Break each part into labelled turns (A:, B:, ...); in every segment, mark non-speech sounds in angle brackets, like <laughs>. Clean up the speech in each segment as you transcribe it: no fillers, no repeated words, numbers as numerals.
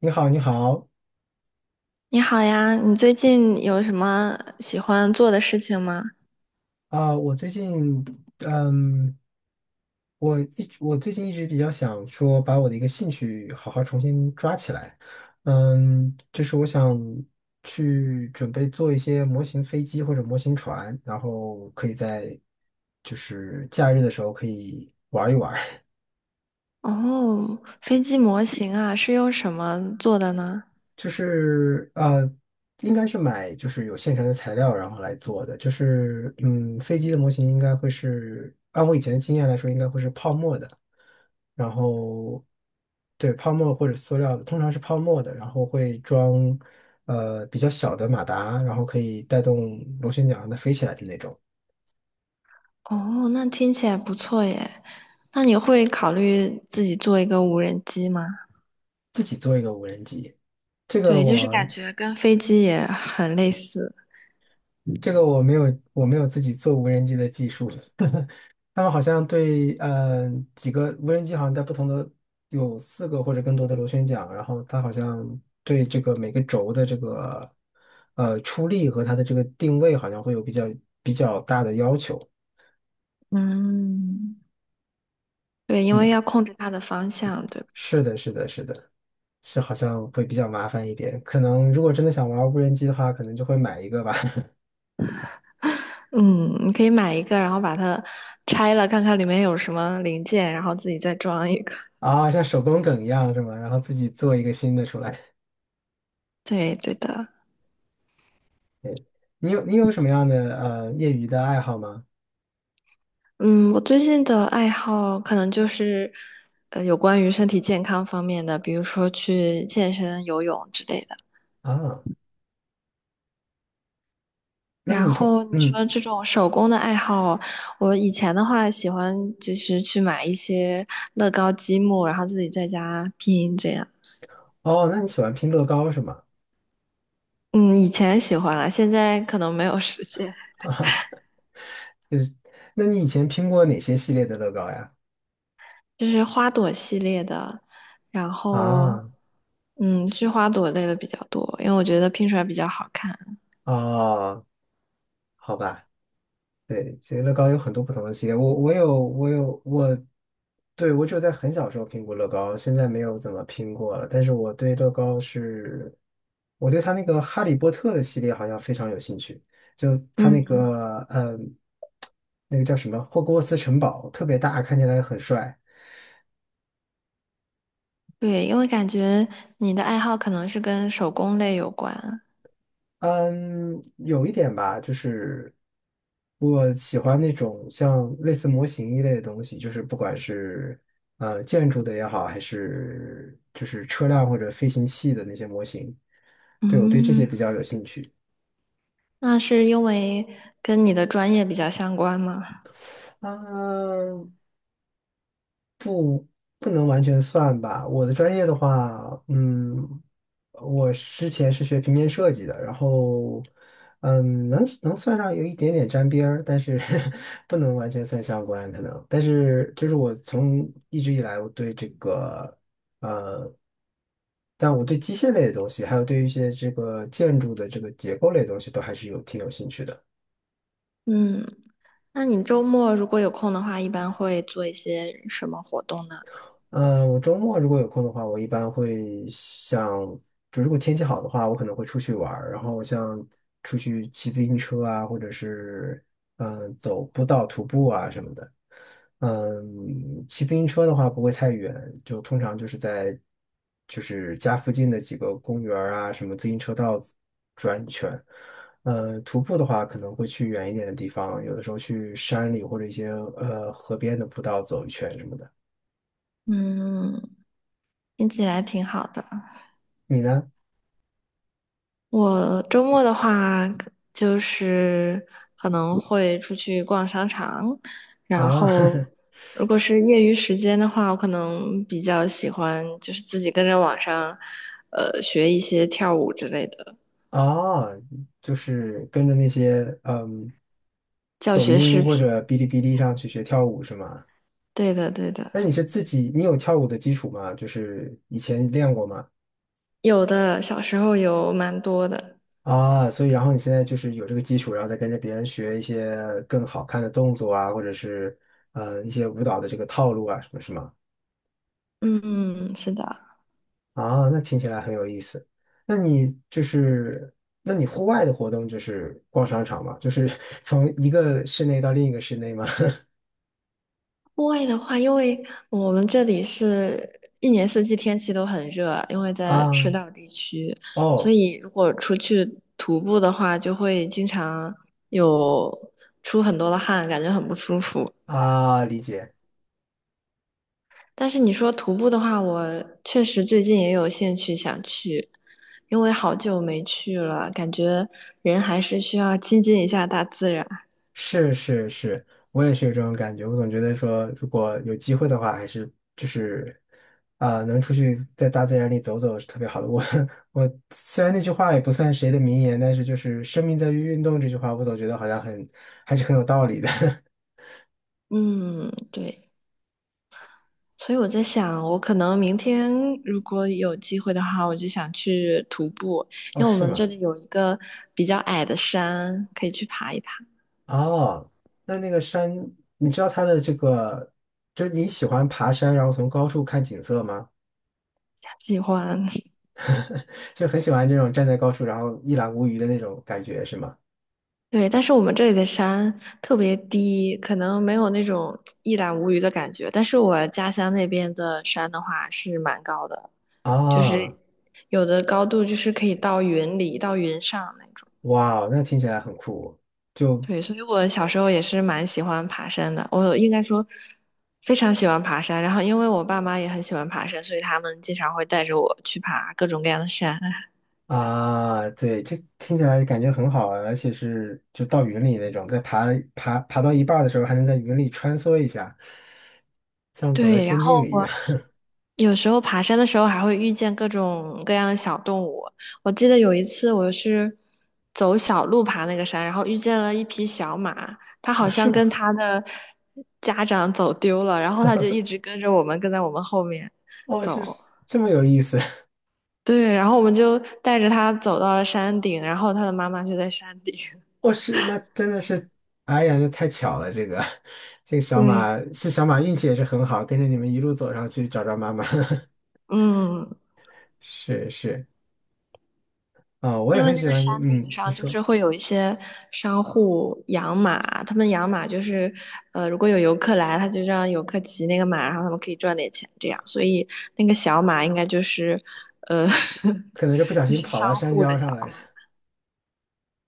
A: 你好，你好
B: 你好呀，你最近有什么喜欢做的事情吗？
A: 啊，我最近，嗯，我最近一直比较想说，把我的一个兴趣好好重新抓起来，就是我想去准备做一些模型飞机或者模型船，然后可以在就是假日的时候可以玩一玩。
B: 哦，飞机模型啊，是用什么做的呢？
A: 就是应该是买就是有现成的材料，然后来做的。就是飞机的模型应该会是，按我以前的经验来说，应该会是泡沫的。然后对泡沫或者塑料的，通常是泡沫的，然后会装比较小的马达，然后可以带动螺旋桨让它飞起来的那种。
B: 哦，那听起来不错耶。那你会考虑自己做一个无人机吗？
A: 自己做一个无人机，这个
B: 对，就是
A: 我
B: 感觉跟飞机也很类似。
A: 这个我没有自己做无人机的技术。<laughs> 他们好像对，几个无人机好像在不同的有4个或者更多的螺旋桨，然后它好像对这个每个轴的这个出力和它的这个定位好像会有比较大的要求。
B: 嗯，对，因为
A: 嗯，
B: 要控制它的方向，对吧？
A: 是的，是的，是的，是好像会比较麻烦一点。可能如果真的想玩无人机的话，可能就会买一个吧。<laughs>
B: 嗯，你可以买一个，然后把它拆了，看看里面有什么零件，然后自己再装一个。<laughs>
A: 啊，像手工梗一样是吗？然后自己做一个新的出来。
B: 对，对的。
A: 你有什么样的业余的爱好吗？
B: 嗯，我最近的爱好可能就是，有关于身体健康方面的，比如说去健身、游泳之类的。
A: 啊，那么
B: 然
A: 你通。
B: 后你说这种手工的爱好，我以前的话喜欢就是去买一些乐高积木，然后自己在家拼这样。
A: 哦，那你喜欢拼乐高是吗？
B: 嗯，以前喜欢了，现在可能没有时间。
A: <laughs> 啊，就是，那你以前拼过哪些系列的乐高呀？
B: 就是花朵系列的，然后
A: 啊，
B: 嗯，是花朵类的比较多，因为我觉得拼出来比较好看。
A: 哦，好吧，对，其实乐高有很多不同的系列，我，对，我只有在很小时候拼过乐高，现在没有怎么拼过了。但是我对乐高是，我对他那个哈利波特的系列好像非常有兴趣，就他那
B: 嗯。
A: 个那个叫什么霍格沃茨城堡特别大，看起来很帅。
B: 对，因为感觉你的爱好可能是跟手工类有关。
A: 嗯，有一点吧，就是我喜欢那种像类似模型一类的东西，就是不管是建筑的也好，还是就是车辆或者飞行器的那些模型，对我对这些
B: 嗯，
A: 比较有兴趣。
B: 那是因为跟你的专业比较相关吗？
A: 嗯，不能完全算吧。我的专业的话，我之前是学平面设计的，然后，能算上有一点点沾边儿，但是 <laughs> 不能完全算相关，可能。但是就是我从一直以来，我对这个，呃，但我对机械类的东西，还有对于一些这个建筑的这个结构类的东西，都还是有挺有兴趣的。
B: 嗯，那你周末如果有空的话，一般会做一些什么活动呢？
A: 我周末如果有空的话，我一般会像，就如果天气好的话，我可能会出去玩儿，然后像出去骑自行车啊，或者是走步道徒步啊什么的。嗯，骑自行车的话不会太远，就通常就是在就是家附近的几个公园儿啊，什么自行车道转一圈。徒步的话可能会去远一点的地方，有的时候去山里或者一些河边的步道走一圈什么的。
B: 嗯，听起来挺好的。
A: 你呢？
B: 我周末的话，就是可能会出去逛商场，然
A: 啊
B: 后
A: <laughs>
B: 如果是业余时间的话，我可能比较喜欢就是自己跟着网上，学一些跳舞之类的
A: 啊，就是跟着那些
B: 教
A: 抖
B: 学视
A: 音或
B: 频。
A: 者哔哩哔哩上去学跳舞是吗？
B: 对的，对的，
A: 那你是自己，你有跳舞的基础吗？就是以前练过吗？
B: 有的，小时候有蛮多的。
A: 啊，所以然后你现在就是有这个基础，然后再跟着别人学一些更好看的动作啊，或者是一些舞蹈的这个套路啊什么是吗？
B: 嗯，是的。
A: 啊，那听起来很有意思。那你就是，那你户外的活动就是逛商场吗？就是 <laughs> 从一个室内到另一个室内吗？
B: 户外的话，因为我们这里是一年四季天气都很热，因为
A: <laughs> 啊
B: 在赤道地区，所
A: 哦
B: 以如果出去徒步的话，就会经常有出很多的汗，感觉很不舒服。
A: 啊，理解，
B: 但是你说徒步的话，我确实最近也有兴趣想去，因为好久没去了，感觉人还是需要亲近一下大自然。
A: 是是是，我也是有这种感觉。我总觉得说，如果有机会的话，还是就是能出去在大自然里走走是特别好的。我 <laughs> 我虽然那句话也不算谁的名言，但是就是"生命在于运动"这句话，我总觉得好像还是很有道理的。<laughs>
B: 嗯，对。所以我在想，我可能明天如果有机会的话，我就想去徒步，
A: 哦，
B: 因为我
A: 是
B: 们
A: 吗？
B: 这里有一个比较矮的山，可以去爬一爬，
A: 哦，那个山，你知道它的这个，就是你喜欢爬山，然后从高处看景色吗？
B: 喜欢。
A: <laughs> 就很喜欢这种站在高处，然后一览无余的那种感觉，是吗？
B: 对，但是我们这里的山特别低，可能没有那种一览无余的感觉。但是我家乡那边的山的话是蛮高的，就是
A: 啊，
B: 有的高度就是可以到云里、到云上那种。
A: 哇，那听起来很酷，就
B: 对，所以我小时候也是蛮喜欢爬山的，我应该说非常喜欢爬山。然后因为我爸妈也很喜欢爬山，所以他们经常会带着我去爬各种各样的山。<laughs>
A: 啊，对，这听起来感觉很好啊，而且是就到云里那种，在爬到一半儿的时候，还能在云里穿梭一下，像走在
B: 对，然
A: 仙境
B: 后
A: 里一样。
B: 我有时候爬山的时候还会遇见各种各样的小动物。我记得有一次我是走小路爬那个山，然后遇见了一匹小马，它
A: 哦，
B: 好
A: 是
B: 像
A: 吗？
B: 跟它的家长走丢了，然后它就一直跟着我们，跟在我们后面
A: 哦，是
B: 走。
A: 这么有意思。
B: 对，然后我们就带着他走到了山顶，然后他的妈妈就在山顶。<laughs>
A: 哦，是，那真的是，哎呀，那太巧了，这个 <laughs> 这个小
B: 对，
A: 马是小马运气也是很好，跟着你们一路走上去找找妈妈。<laughs>
B: 嗯，
A: 是是，啊、我也
B: 因为
A: 很
B: 那
A: 喜
B: 个
A: 欢，
B: 山顶
A: 你
B: 上就
A: 说，
B: 是会有一些商户养马，他们养马就是，如果有游客来，他就让游客骑那个马，然后他们可以赚点钱，这样。所以那个小马应该就是，呃，
A: 可
B: <laughs>
A: 能是不小
B: 就
A: 心
B: 是
A: 跑到
B: 商
A: 山
B: 户的
A: 腰
B: 小
A: 上来。
B: 马。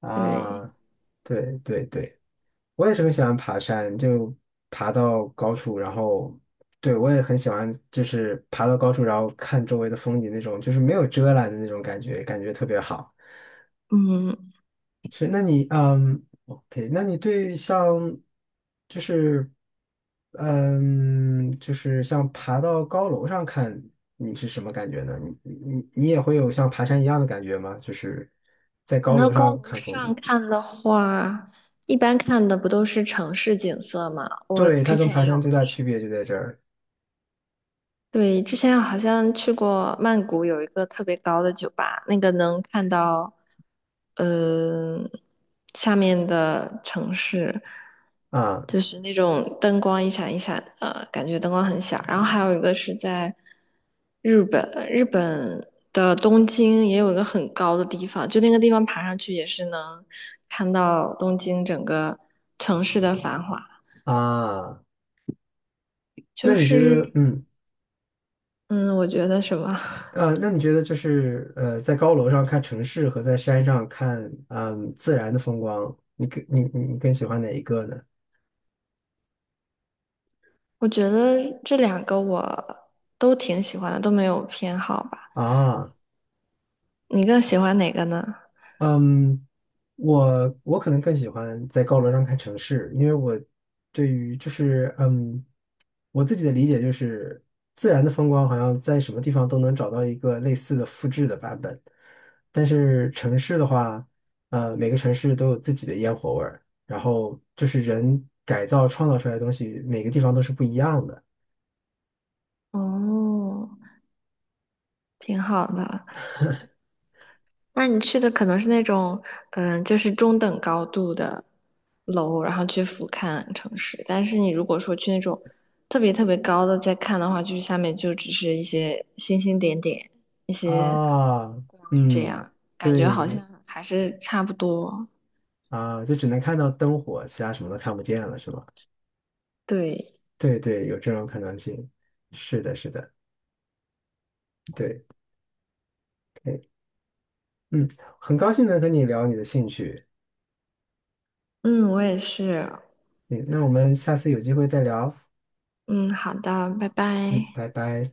A: 啊，
B: 对，
A: 对对对，我也是很喜欢爬山，就爬到高处，然后，对，我也很喜欢，就是爬到高处，然后看周围的风景那种，就是没有遮拦的那种感觉，感觉特别好。
B: 嗯，
A: 是，那你，哦，OK，那你对像，就是，就是像爬到高楼上看，你是什么感觉呢？你也会有像爬山一样的感觉吗？就是在
B: 谈
A: 高
B: 到
A: 楼
B: 高
A: 上
B: 楼
A: 看风
B: 上
A: 景。
B: 看的话，一般看的不都是城市景色吗？我
A: 对，
B: 之
A: 它跟爬
B: 前
A: 山最
B: 有
A: 大区
B: 去
A: 别就在这儿
B: 对，之前好像去过曼谷，有一个特别高的酒吧，那个能看到，嗯、下面的城市，
A: 啊
B: 就是那种灯光一闪一闪，感觉灯光很小。然后还有一个是在日本，日本的东京也有一个很高的地方，就那个地方爬上去也是能看到东京整个城市的繁华，
A: 啊！那
B: 就
A: 你觉
B: 是，
A: 得，
B: 嗯，我觉得什么。
A: 那你觉得就是在高楼上看城市和在山上看自然的风光，你更喜欢哪一个呢？
B: 我觉得这两个我都挺喜欢的，都没有偏好吧。
A: 啊
B: 你更喜欢哪个呢？
A: 嗯，我可能更喜欢在高楼上看城市，因为我对于就是我自己的理解就是自然的风光好像在什么地方都能找到一个类似的复制的版本，但是城市的话，每个城市都有自己的烟火味儿，然后就是人改造创造出来的东西，每个地方都是不一样的
B: 哦，挺好的。那你去的可能是那种，嗯，就是中等高度的楼，然后去俯瞰城市。但是你如果说去那种特别特别高的再看的话，就是下面就只是一些星星点点，一些
A: 啊，
B: 光这
A: 嗯，
B: 样，感觉好像
A: 对
B: 还是差不多。
A: 啊，就只能看到灯火，其他什么都看不见了，是吗？
B: 对，
A: 对对，有这种可能性。是的，是的，对，哎，嗯，很高兴能和你聊你的兴趣，
B: 嗯，我也是。
A: 嗯，那我们下次有机会再聊，
B: 嗯，好的，拜
A: 嗯，
B: 拜。
A: 拜拜。